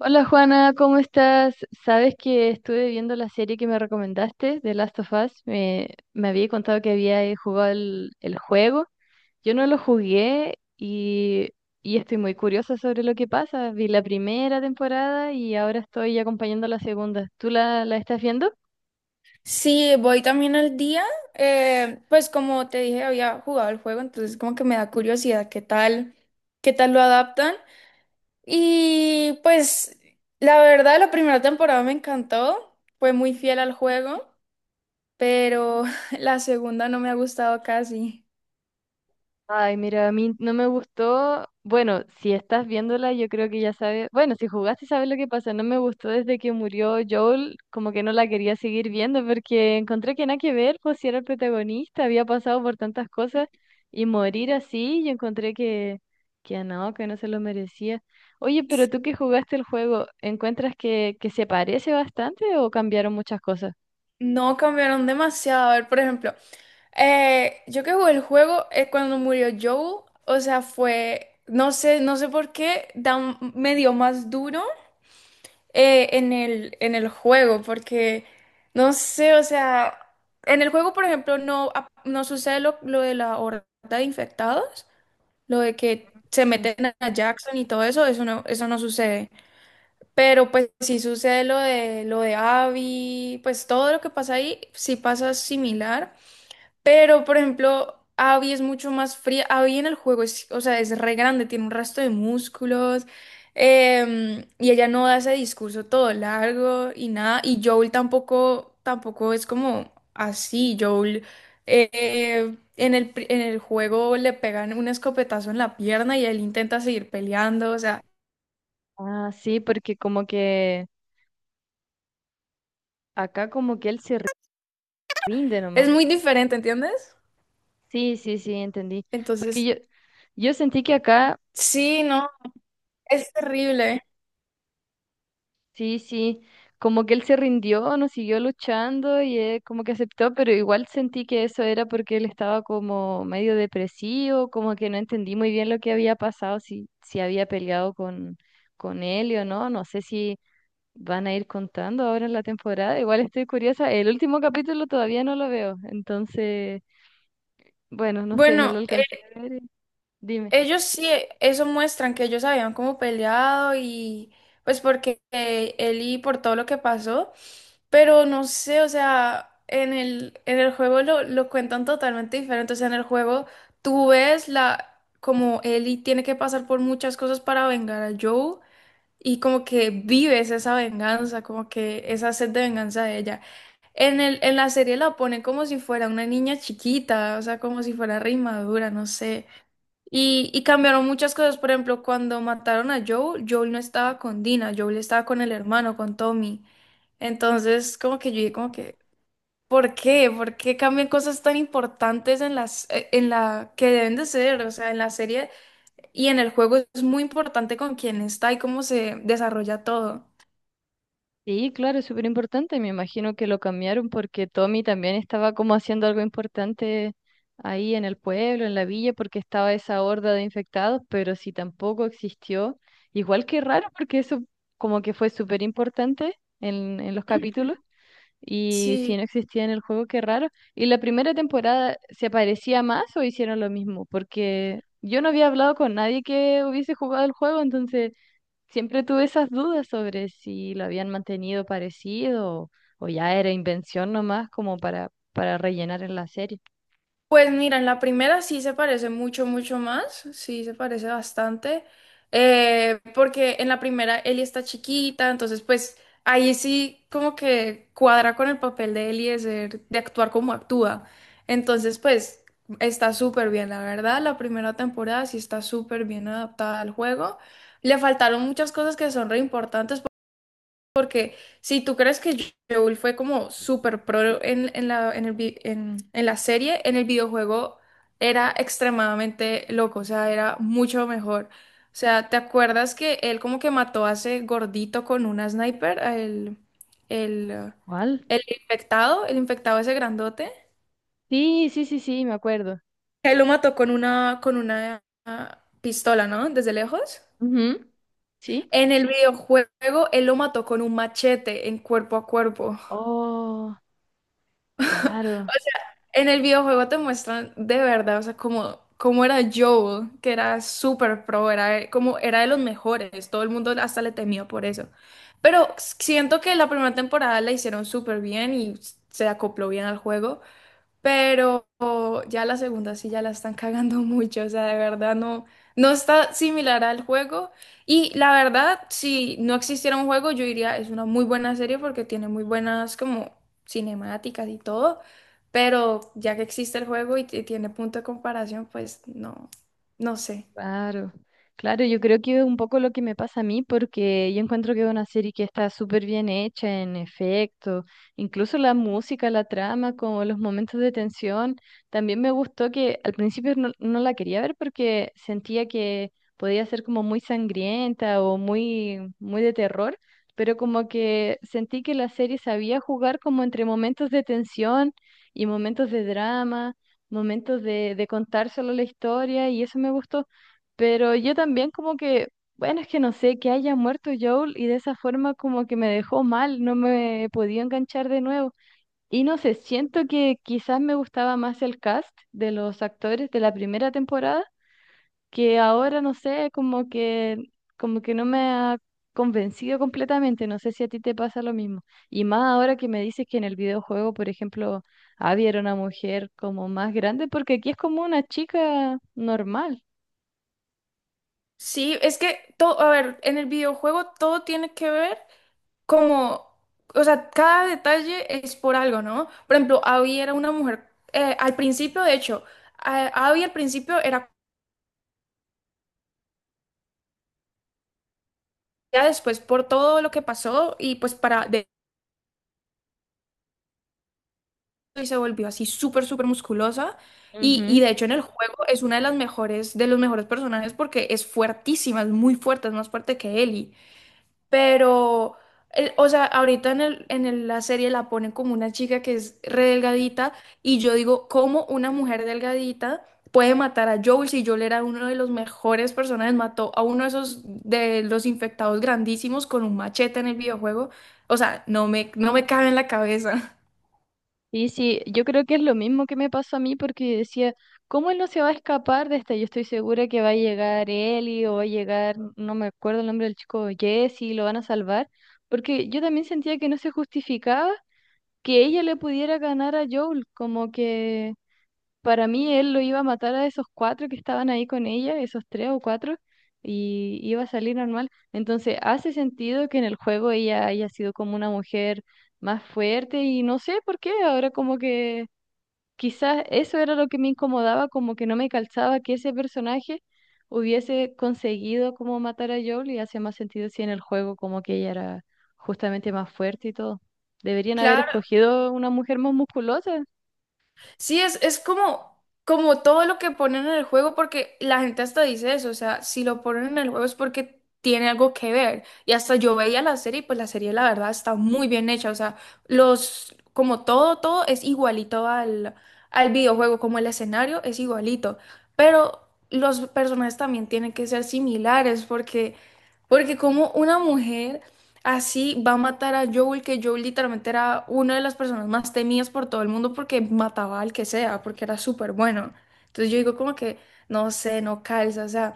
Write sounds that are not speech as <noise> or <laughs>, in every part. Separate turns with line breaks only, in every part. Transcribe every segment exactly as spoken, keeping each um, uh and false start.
Hola Juana, ¿cómo estás? Sabes que estuve viendo la serie que me recomendaste, The Last of Us. Me, me había contado que había eh, jugado el, el juego. Yo no lo jugué y, y estoy muy curiosa sobre lo que pasa. Vi la primera temporada y ahora estoy acompañando la segunda. ¿Tú la, la estás viendo?
Sí, voy también al día. Eh, pues como te dije, había jugado el juego, entonces como que me da curiosidad qué tal, qué tal lo adaptan. Y pues la verdad, la primera temporada me encantó, fue muy fiel al juego, pero <laughs> la segunda no me ha gustado casi.
Ay, mira, a mí no me gustó. Bueno, si estás viéndola, yo creo que ya sabes. Bueno, si jugaste, sabes lo que pasa. No me gustó desde que murió Joel, como que no la quería seguir viendo porque encontré que nada que ver, pues si era el protagonista, había pasado por tantas cosas y morir así, yo encontré que, que no, que no se lo merecía. Oye, pero tú que jugaste el juego, ¿encuentras que, que se parece bastante o cambiaron muchas cosas?
No cambiaron demasiado. A ver, por ejemplo, eh, yo que jugué el juego eh, cuando murió Joel, o sea, fue, no sé, no sé por qué, da un- me dio más duro. Eh, en el, en el juego, porque no sé, o sea, en el juego, por ejemplo, no, ap- no sucede lo, lo de la horda de infectados, lo de que se
Mm.
meten a Jackson y todo eso, eso no, eso no sucede. Pero pues sí sucede lo de lo de Abby, pues todo lo que pasa ahí sí pasa similar. Pero, por ejemplo, Abby es mucho más fría. Abby en el juego es, o sea, es re grande, tiene un resto de músculos. Em, y ella no da ese discurso todo largo y nada. Y Joel tampoco, tampoco es como así. Joel eh, en el, pri- en el juego le pegan un escopetazo en la pierna y él intenta seguir peleando. O sea,
Ah, sí, porque como que acá como que él se rinde
es
nomás.
muy diferente, ¿entiendes?
Sí, sí, sí, entendí. Porque
Entonces,
yo, yo sentí que acá,
sí, no, es terrible.
sí, sí, como que él se rindió, no siguió luchando y eh, como que aceptó, pero igual sentí que eso era porque él estaba como medio depresivo, como que no entendí muy bien lo que había pasado, si, si había peleado con, con él o no. No sé si van a ir contando ahora en la temporada. Igual estoy curiosa. El último capítulo todavía no lo veo, entonces, bueno, no sé, no
Bueno,
lo alcancé a ver. Dime.
ellos sí, eh, eso muestran que ellos habían como peleado y pues porque eh, él y por todo lo que pasó, pero no sé, o sea, en el, en el juego lo, lo cuentan totalmente diferente, o sea, en el juego tú ves la, como Ellie tiene que pasar por muchas cosas para vengar a Joe y como que vives esa venganza, como que esa sed de venganza de ella. En el, en la serie la ponen como si fuera una niña chiquita, o sea, como si fuera re inmadura, no sé. Y, y cambiaron muchas cosas. Por ejemplo, cuando mataron a Joel, Joel no estaba con Dina, Joel estaba con el hermano, con Tommy. Entonces, como que yo dije, como que, ¿por qué? ¿Por qué cambian cosas tan importantes en las, eh, en la que deben de ser? O sea, en la serie y en el juego es muy importante con quién está y cómo se desarrolla todo.
Sí, claro, es súper importante. Me imagino que lo cambiaron porque Tommy también estaba como haciendo algo importante ahí en el pueblo, en la villa, porque estaba esa horda de infectados, pero si tampoco existió, igual que raro, porque eso como que fue súper importante en, en los
Ujú.
capítulos. Y si
Sí.
no existía en el juego, qué raro. ¿Y la primera temporada se parecía más o hicieron lo mismo? Porque yo no había hablado con nadie que hubiese jugado el juego, entonces... Siempre tuve esas dudas sobre si lo habían mantenido parecido o, ya era invención nomás como para, para rellenar en la serie.
Pues mira, en la primera sí se parece mucho, mucho más, sí se parece bastante, eh, porque en la primera Ellie está chiquita, entonces pues ahí sí como que cuadra con el papel de Ellie de ser, de actuar como actúa. Entonces pues está súper bien, la verdad, la primera temporada sí está súper bien adaptada al juego. Le faltaron muchas cosas que son re importantes porque si tú crees que Joel fue como súper pro en, en la, en el vi- en- en la serie, en el videojuego era extremadamente loco, o sea, era mucho mejor. O sea, ¿te acuerdas que él como que mató a ese gordito con una sniper, a el, el, eh,
¿Cuál?
el infectado, el infectado ese grandote?
Sí, sí, sí, sí, me acuerdo.
Él lo mató con una, con una ah, pistola, ¿no? Desde lejos.
Ujú. Sí.
En el videojuego, él lo mató con un machete en cuerpo a cuerpo.
Oh,
<laughs>
claro.
En el videojuego te muestran de verdad, o sea, cómo, cómo era Joel, que era súper pro, era como era de los mejores, todo el mundo hasta le temía por eso. Pero siento que la primera temporada la hicieron súper bien y se acopló bien al juego. Pero ya la segunda sí ya la están cagando <laughs> mucho, o sea, de verdad no, no está similar al juego. Y la verdad, si no existiera un juego, yo diría es una muy buena serie porque tiene muy buenas como cinemáticas y todo, pero ya que existe el juego y, t- tiene punto de comparación, pues no, no sé.
Claro, claro, yo creo que es un poco lo que me pasa a mí, porque yo encuentro que es una serie que está súper bien hecha en efecto, incluso la música, la trama, como los momentos de tensión. También me gustó que al principio no, no la quería ver porque sentía que podía ser como muy sangrienta o muy, muy de terror, pero como que sentí que la serie sabía jugar como entre momentos de tensión y momentos de drama, momentos de, de contar solo la historia, y eso me gustó. Pero yo también como que, bueno, es que no sé, que haya muerto Joel y de esa forma como que me dejó mal, no me podía enganchar de nuevo. Y no sé, siento que quizás me gustaba más el cast de los actores de la primera temporada, que ahora no sé, como que, como que no me ha convencido completamente, no sé si a ti te pasa lo mismo. Y más ahora que me dices que en el videojuego, por ejemplo, Abby era una mujer como más grande, porque aquí es como una chica normal.
Sí, es que todo, a ver, en el videojuego todo tiene que ver como, o sea, cada detalle es por algo, ¿no? Por ejemplo, Abby era una mujer, eh, al principio, de hecho, a- Abby al principio era, ya después por todo lo que pasó y pues para, de y se volvió así súper, súper musculosa. Y, y
Ujú.
de hecho en el juego es una de las mejores, de los mejores personajes porque es fuertísima, es muy fuerte, es más fuerte que Ellie. Pero, el o sea, ahorita en el, en el- la serie la ponen como una chica que es re delgadita y yo digo, ¿cómo una mujer delgadita puede matar a Joel si Joel era uno de los mejores personajes? Mató a uno de esos de los infectados grandísimos con un machete en el videojuego. O sea, no me, no me cabe en la cabeza.
Y sí, yo creo que es lo mismo que me pasó a mí porque decía, ¿cómo él no se va a escapar de esta? Yo estoy segura que va a llegar Eli o va a llegar, no me acuerdo el nombre del chico, Jesse, lo van a salvar, porque yo también sentía que no se justificaba que ella le pudiera ganar a Joel, como que para mí él lo iba a matar a esos cuatro que estaban ahí con ella, esos tres o cuatro, y iba a salir normal. Entonces hace sentido que en el juego ella haya sido como una mujer más fuerte y no sé por qué, ahora como que quizás eso era lo que me incomodaba, como que no me calzaba que ese personaje hubiese conseguido como matar a Joel y hace más sentido si en el juego como que ella era justamente más fuerte y todo. Deberían haber
<laughs>
escogido una mujer más musculosa.
Sí, es, es como, como todo lo que ponen en el juego, porque la gente hasta dice eso, o sea, si lo ponen en el juego es porque tiene algo que ver. Y hasta yo veía la serie, y pues la serie la verdad está muy bien hecha, o sea, los, como todo, todo es igualito al, al videojuego, como el escenario es igualito, pero los personajes también tienen que ser similares, porque, porque como una mujer... Así va a matar a Joel, que Joel literalmente era una de las personas más temidas por todo el mundo porque mataba al que sea, porque era súper bueno. Entonces yo digo como que, no sé, no calza, o sea,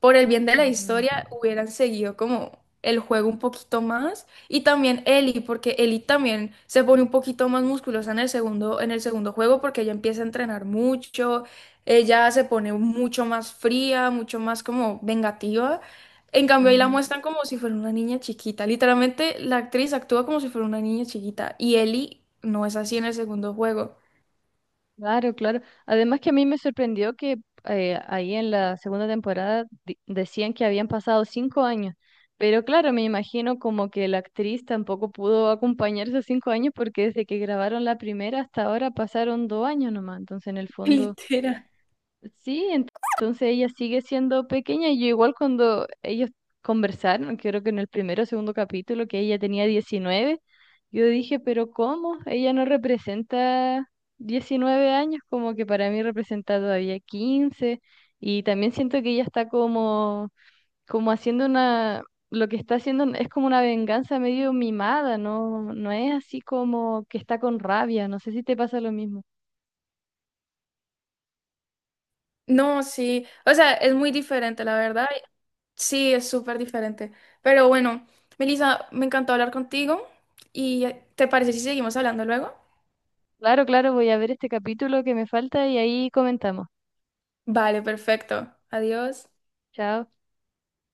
por el bien de la
Ujú,
historia hubieran seguido como el juego un poquito más y también Ellie, porque Ellie también se pone un poquito más musculosa en el segundo, en el segundo juego porque ella empieza a entrenar mucho, ella se pone mucho más fría, mucho más como vengativa. En cambio, ahí la
ujú.
muestran como si fuera una niña chiquita. Literalmente, la actriz actúa como si fuera una niña chiquita. Y Ellie no es así en el segundo juego.
Claro, claro. Además que a mí me sorprendió que eh, ahí en la segunda temporada di- decían que habían pasado cinco años, pero claro, me imagino como que la actriz tampoco pudo acompañar esos cinco años porque desde que grabaron la primera hasta ahora pasaron dos años nomás, entonces en el
<laughs>
fondo
Literal.
sí, ent- entonces ella sigue siendo pequeña. Y yo igual cuando ellos conversaron, creo que en el primero o segundo capítulo, que ella tenía diecinueve, yo dije, pero ¿cómo? Ella no representa diecinueve años, como que para mí representa todavía quince. Y también siento que ella está como, como haciendo una, lo que está haciendo es como una venganza medio mimada, no, no es así como que está con rabia. No sé si te pasa lo mismo.
No, sí. O sea, es muy diferente, la verdad. Sí, es súper diferente. Pero bueno, Melissa, me encantó hablar contigo. ¿Y eh, te parece si seguimos hablando luego?
Claro, claro, voy a ver este capítulo que me falta y ahí comentamos.
Vale, perfecto. Adiós.
Chao.